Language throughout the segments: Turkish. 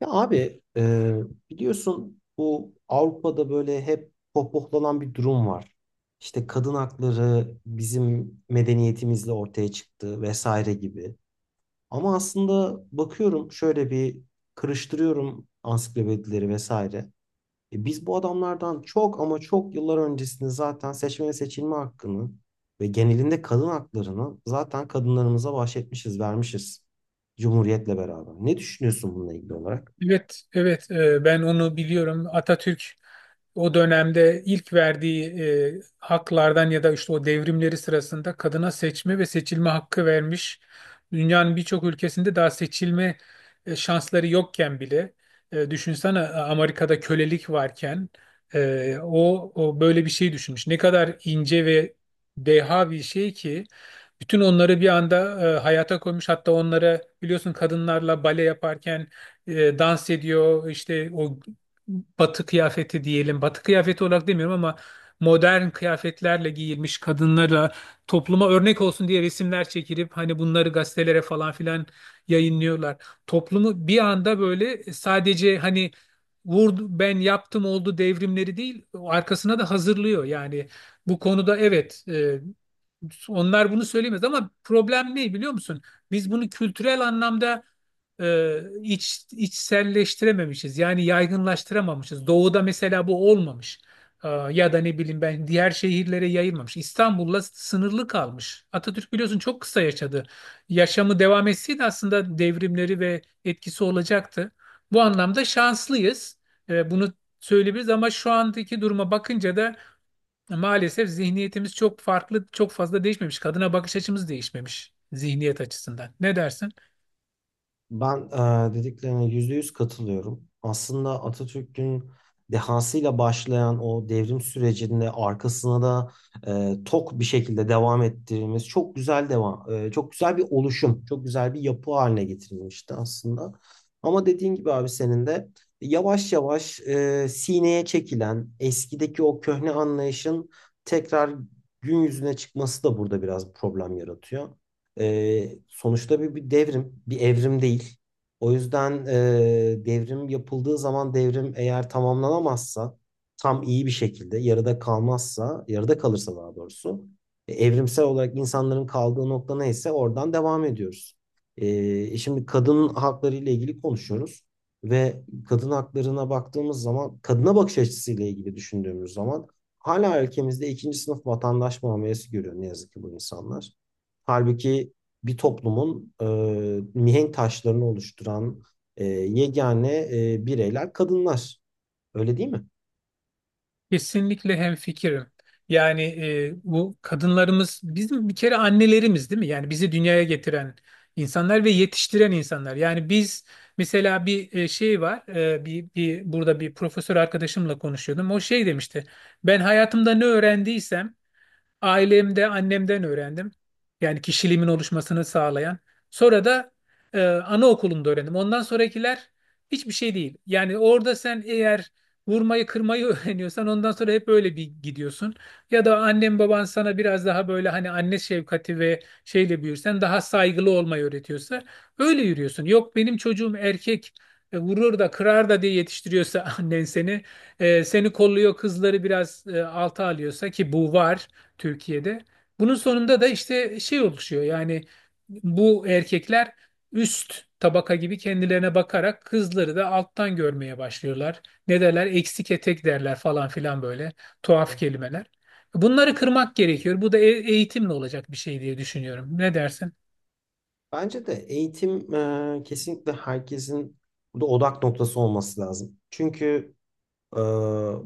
Ya abi biliyorsun bu Avrupa'da böyle hep pohpohlanan bir durum var. İşte kadın hakları bizim medeniyetimizle ortaya çıktı vesaire gibi. Ama aslında bakıyorum şöyle bir karıştırıyorum ansiklopedileri vesaire. Biz bu adamlardan çok ama çok yıllar öncesinde zaten seçme ve seçilme hakkını ve genelinde kadın haklarını zaten kadınlarımıza bahşetmişiz, vermişiz. Cumhuriyetle beraber. Ne düşünüyorsun bununla ilgili olarak? Evet, evet, ben onu biliyorum. Atatürk o dönemde ilk verdiği haklardan ya da işte o devrimleri sırasında kadına seçme ve seçilme hakkı vermiş. Dünyanın birçok ülkesinde daha seçilme şansları yokken bile, düşünsene, Amerika'da kölelik varken o böyle bir şey düşünmüş. Ne kadar ince ve deha bir şey ki bütün onları bir anda hayata koymuş. Hatta onlara biliyorsun kadınlarla bale yaparken dans ediyor, işte o batı kıyafeti diyelim, batı kıyafeti olarak demiyorum ama modern kıyafetlerle giyilmiş kadınlara topluma örnek olsun diye resimler çekilip hani bunları gazetelere falan filan yayınlıyorlar. Toplumu bir anda böyle sadece hani vurdu ben yaptım oldu devrimleri değil, arkasına da hazırlıyor yani. Bu konuda evet, onlar bunu söyleyemez ama problem ne biliyor musun? Biz bunu kültürel anlamda içselleştirememişiz. Yani yaygınlaştıramamışız. Doğu'da mesela bu olmamış. Ya da ne bileyim ben, diğer şehirlere yayılmamış. İstanbul'la sınırlı kalmış. Atatürk biliyorsun çok kısa yaşadı. Yaşamı devam etseydi aslında devrimleri ve etkisi olacaktı. Bu anlamda şanslıyız. Bunu söyleyebiliriz ama şu andaki duruma bakınca da maalesef zihniyetimiz çok farklı, çok fazla değişmemiş. Kadına bakış açımız değişmemiş zihniyet açısından. Ne dersin? Ben dediklerine yüzde yüz katılıyorum. Aslında Atatürk'ün dehasıyla başlayan o devrim sürecinde arkasına da tok bir şekilde devam ettirdiğimiz çok güzel devam, çok güzel bir oluşum, çok güzel bir yapı haline getirilmişti aslında. Ama dediğin gibi abi senin de yavaş yavaş sineye çekilen eskideki o köhne anlayışın tekrar gün yüzüne çıkması da burada biraz problem yaratıyor. Sonuçta bir devrim, bir evrim değil. O yüzden devrim yapıldığı zaman devrim eğer tamamlanamazsa, tam iyi bir şekilde yarıda kalmazsa, yarıda kalırsa daha doğrusu, evrimsel olarak insanların kaldığı nokta neyse oradan devam ediyoruz. Şimdi kadın hakları ile ilgili konuşuyoruz ve kadın haklarına baktığımız zaman, kadına bakış açısıyla ilgili düşündüğümüz zaman hala ülkemizde ikinci sınıf vatandaş muamelesi görüyor ne yazık ki bu insanlar. Halbuki bir toplumun mihenk taşlarını oluşturan yegane bireyler kadınlar. Öyle değil mi? Kesinlikle hemfikirim. Yani bu kadınlarımız bizim bir kere annelerimiz değil mi? Yani bizi dünyaya getiren insanlar ve yetiştiren insanlar. Yani biz mesela bir şey var. Bir burada bir profesör arkadaşımla konuşuyordum. O şey demişti. Ben hayatımda ne öğrendiysem ailemde annemden öğrendim. Yani kişiliğimin oluşmasını sağlayan. Sonra da anaokulunda öğrendim. Ondan sonrakiler hiçbir şey değil. Yani orada sen eğer vurmayı kırmayı öğreniyorsan ondan sonra hep öyle bir gidiyorsun. Ya da annem baban sana biraz daha böyle hani anne şefkati ve şeyle büyürsen daha saygılı olmayı öğretiyorsa öyle yürüyorsun. Yok, benim çocuğum erkek, vurur da kırar da diye yetiştiriyorsa annen seni kolluyor, kızları biraz alta alıyorsa, ki bu var. Türkiye'de. Bunun sonunda da işte şey oluşuyor yani, bu erkekler üst tabaka gibi kendilerine bakarak kızları da alttan görmeye başlıyorlar. Ne derler? Eksik etek derler falan filan, böyle tuhaf kelimeler. Bunları kırmak gerekiyor. Bu da eğitimle olacak bir şey diye düşünüyorum. Ne dersin? Bence de eğitim kesinlikle herkesin burada odak noktası olması lazım. Çünkü Ee,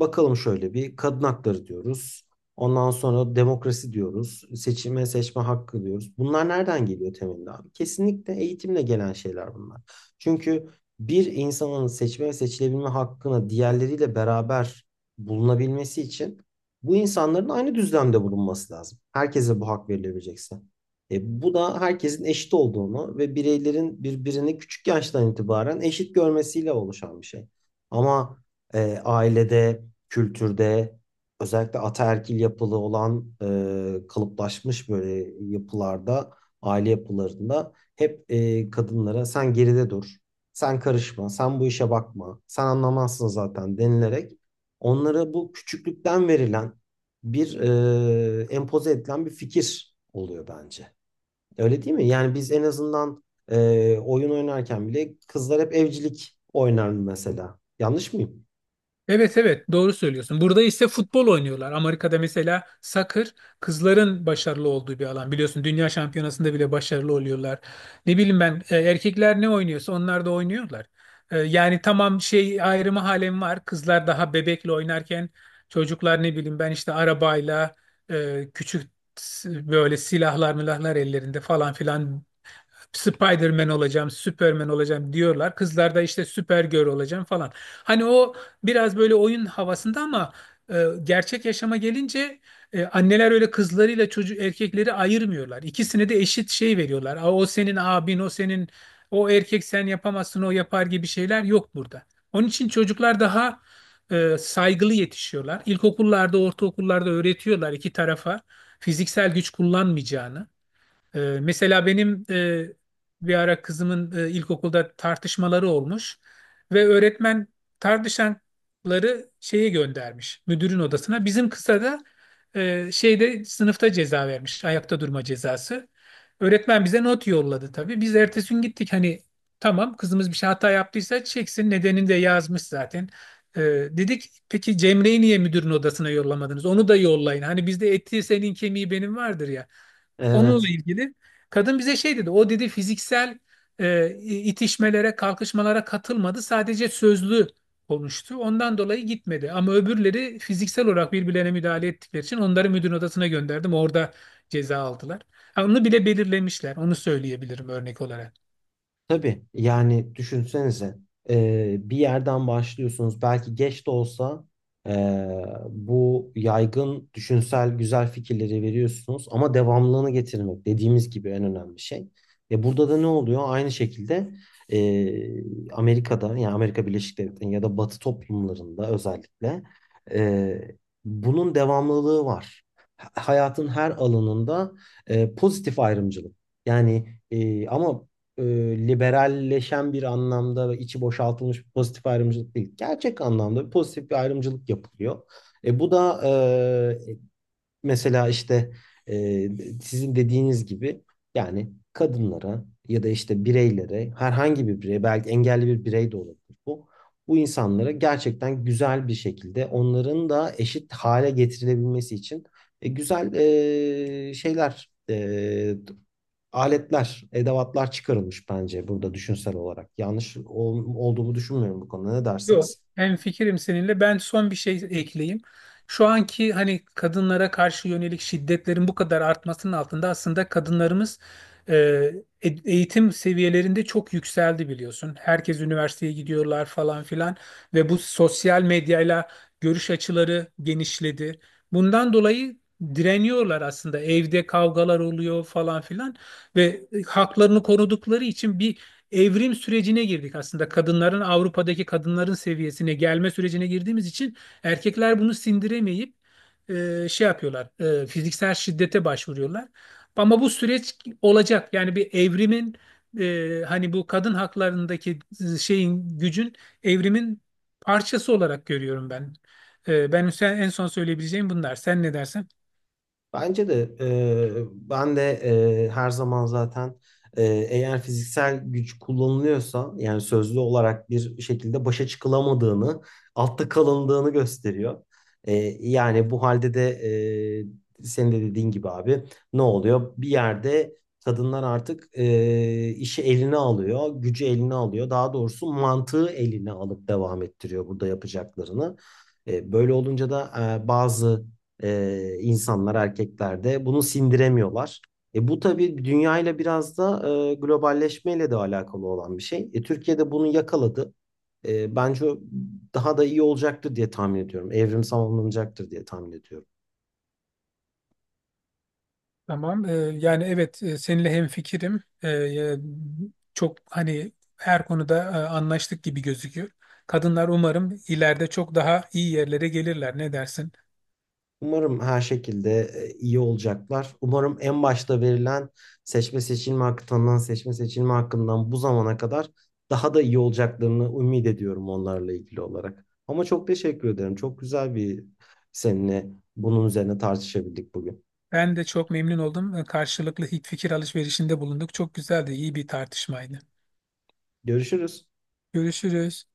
bakalım şöyle bir kadın hakları diyoruz. Ondan sonra demokrasi diyoruz. Seçime seçme hakkı diyoruz. Bunlar nereden geliyor temelinde abi? Kesinlikle eğitimle gelen şeyler bunlar. Çünkü bir insanın seçme ve seçilebilme hakkına diğerleriyle beraber bulunabilmesi için bu insanların aynı düzlemde bulunması lazım. Herkese bu hak verilebilecekse. Bu da herkesin eşit olduğunu ve bireylerin birbirini küçük yaştan itibaren eşit görmesiyle oluşan bir şey. Ama ailede, kültürde, özellikle ataerkil yapılı olan kalıplaşmış böyle yapılarda, aile yapılarında hep kadınlara sen geride dur, sen karışma, sen bu işe bakma, sen anlamazsın zaten denilerek onlara bu küçüklükten verilen bir empoze edilen bir fikir oluyor bence. Öyle değil mi? Yani biz en azından oyun oynarken bile kızlar hep evcilik oynar mesela. Yanlış mıyım? Evet, evet, doğru söylüyorsun. Burada ise futbol oynuyorlar. Amerika'da mesela soccer kızların başarılı olduğu bir alan. Biliyorsun dünya şampiyonasında bile başarılı oluyorlar. Ne bileyim ben, erkekler ne oynuyorsa onlar da oynuyorlar. Yani tamam, şey ayrımı halen var. Kızlar daha bebekle oynarken çocuklar, ne bileyim ben, işte arabayla, küçük böyle silahlar milahlar ellerinde falan filan, Spider-Man olacağım, Superman olacağım diyorlar. Kızlarda işte Supergirl olacağım falan. Hani o biraz böyle oyun havasında ama gerçek yaşama gelince anneler öyle kızlarıyla çocuk erkekleri ayırmıyorlar. İkisine de eşit şey veriyorlar. "Aa, o senin abin, o senin, o erkek sen yapamazsın, o yapar" gibi şeyler yok burada. Onun için çocuklar daha saygılı yetişiyorlar. İlkokullarda, ortaokullarda öğretiyorlar iki tarafa fiziksel güç kullanmayacağını. Mesela benim bir ara kızımın ilkokulda tartışmaları olmuş ve öğretmen tartışanları şeye göndermiş, müdürün odasına. Bizim kıza da şeyde, sınıfta ceza vermiş, ayakta durma cezası. Öğretmen bize not yolladı tabii. Biz ertesi gün gittik, hani tamam kızımız bir şey hata yaptıysa çeksin, nedenini de yazmış zaten. Ee, dedik peki Cemre'yi niye müdürün odasına yollamadınız? Onu da yollayın. Hani bizde eti senin kemiği benim vardır ya. Onunla Evet. ilgili kadın bize şey dedi. O dedi fiziksel itişmelere, kalkışmalara katılmadı. Sadece sözlü konuştu. Ondan dolayı gitmedi. Ama öbürleri fiziksel olarak birbirlerine müdahale ettikleri için onları müdür odasına gönderdim. Orada ceza aldılar. Ha, onu bile belirlemişler. Onu söyleyebilirim örnek olarak. Tabii yani düşünsenize bir yerden başlıyorsunuz. Belki geç de olsa e, bu yaygın düşünsel güzel fikirleri veriyorsunuz ama devamlılığını getirmek dediğimiz gibi en önemli şey. Burada da ne oluyor? Aynı şekilde Amerika'da yani Amerika Birleşik Devletleri'nin ya da Batı toplumlarında özellikle e, bunun devamlılığı var. Hayatın her alanında pozitif ayrımcılık. Yani ama e, liberalleşen bir anlamda ve içi boşaltılmış bir pozitif ayrımcılık değil. Gerçek anlamda bir pozitif bir ayrımcılık yapılıyor. Bu da e, mesela işte e, sizin dediğiniz gibi yani kadınlara ya da işte bireylere herhangi bir birey belki engelli bir birey de olabilir bu. Bu insanlara gerçekten güzel bir şekilde onların da eşit hale getirilebilmesi için güzel şeyler aletler, edevatlar çıkarılmış bence burada düşünsel olarak. Yanlış olduğumu düşünmüyorum bu konuda. Ne Yok, dersiniz? hemfikirim seninle. Ben son bir şey ekleyeyim. Şu anki hani kadınlara karşı yönelik şiddetlerin bu kadar artmasının altında aslında kadınlarımız e, eğitim seviyelerinde çok yükseldi biliyorsun. Herkes üniversiteye gidiyorlar falan filan ve bu sosyal medyayla görüş açıları genişledi. Bundan dolayı direniyorlar aslında. Evde kavgalar oluyor falan filan ve haklarını korudukları için bir evrim sürecine girdik aslında. Kadınların Avrupa'daki kadınların seviyesine gelme sürecine girdiğimiz için erkekler bunu sindiremeyip şey yapıyorlar. Fiziksel şiddete başvuruyorlar. Ama bu süreç olacak. Yani bir evrimin, hani bu kadın haklarındaki şeyin, gücün, evrimin parçası olarak görüyorum ben. Ben en son söyleyebileceğim bunlar. Sen ne dersen? Bence de ben de her zaman zaten e, eğer fiziksel güç kullanılıyorsa yani sözlü olarak bir şekilde başa çıkılamadığını, altta kalındığını gösteriyor. E, Yani bu halde de senin de dediğin gibi abi ne oluyor? Bir yerde kadınlar artık işi eline alıyor, gücü eline alıyor. Daha doğrusu mantığı eline alıp devam ettiriyor burada yapacaklarını. Böyle olunca da bazı insanlar erkeklerde bunu sindiremiyorlar. Bu tabii dünyayla biraz da globalleşmeyle de alakalı olan bir şey. Türkiye'de bunu yakaladı. Bence o daha da iyi olacaktır diye tahmin ediyorum. Evrimsel alınacaktır diye tahmin ediyorum. Tamam. Yani evet, seninle hemfikirim. Çok hani her konuda anlaştık gibi gözüküyor. Kadınlar umarım ileride çok daha iyi yerlere gelirler. Ne dersin? Umarım her şekilde iyi olacaklar. Umarım en başta verilen seçme seçilme hakkından, seçme seçilme hakkından bu zamana kadar daha da iyi olacaklarını ümit ediyorum onlarla ilgili olarak. Ama çok teşekkür ederim. Çok güzel bir seninle bunun üzerine tartışabildik bugün. Ben de çok memnun oldum. Karşılıklı fikir alışverişinde bulunduk. Çok güzeldi, iyi bir tartışmaydı. Görüşürüz. Görüşürüz.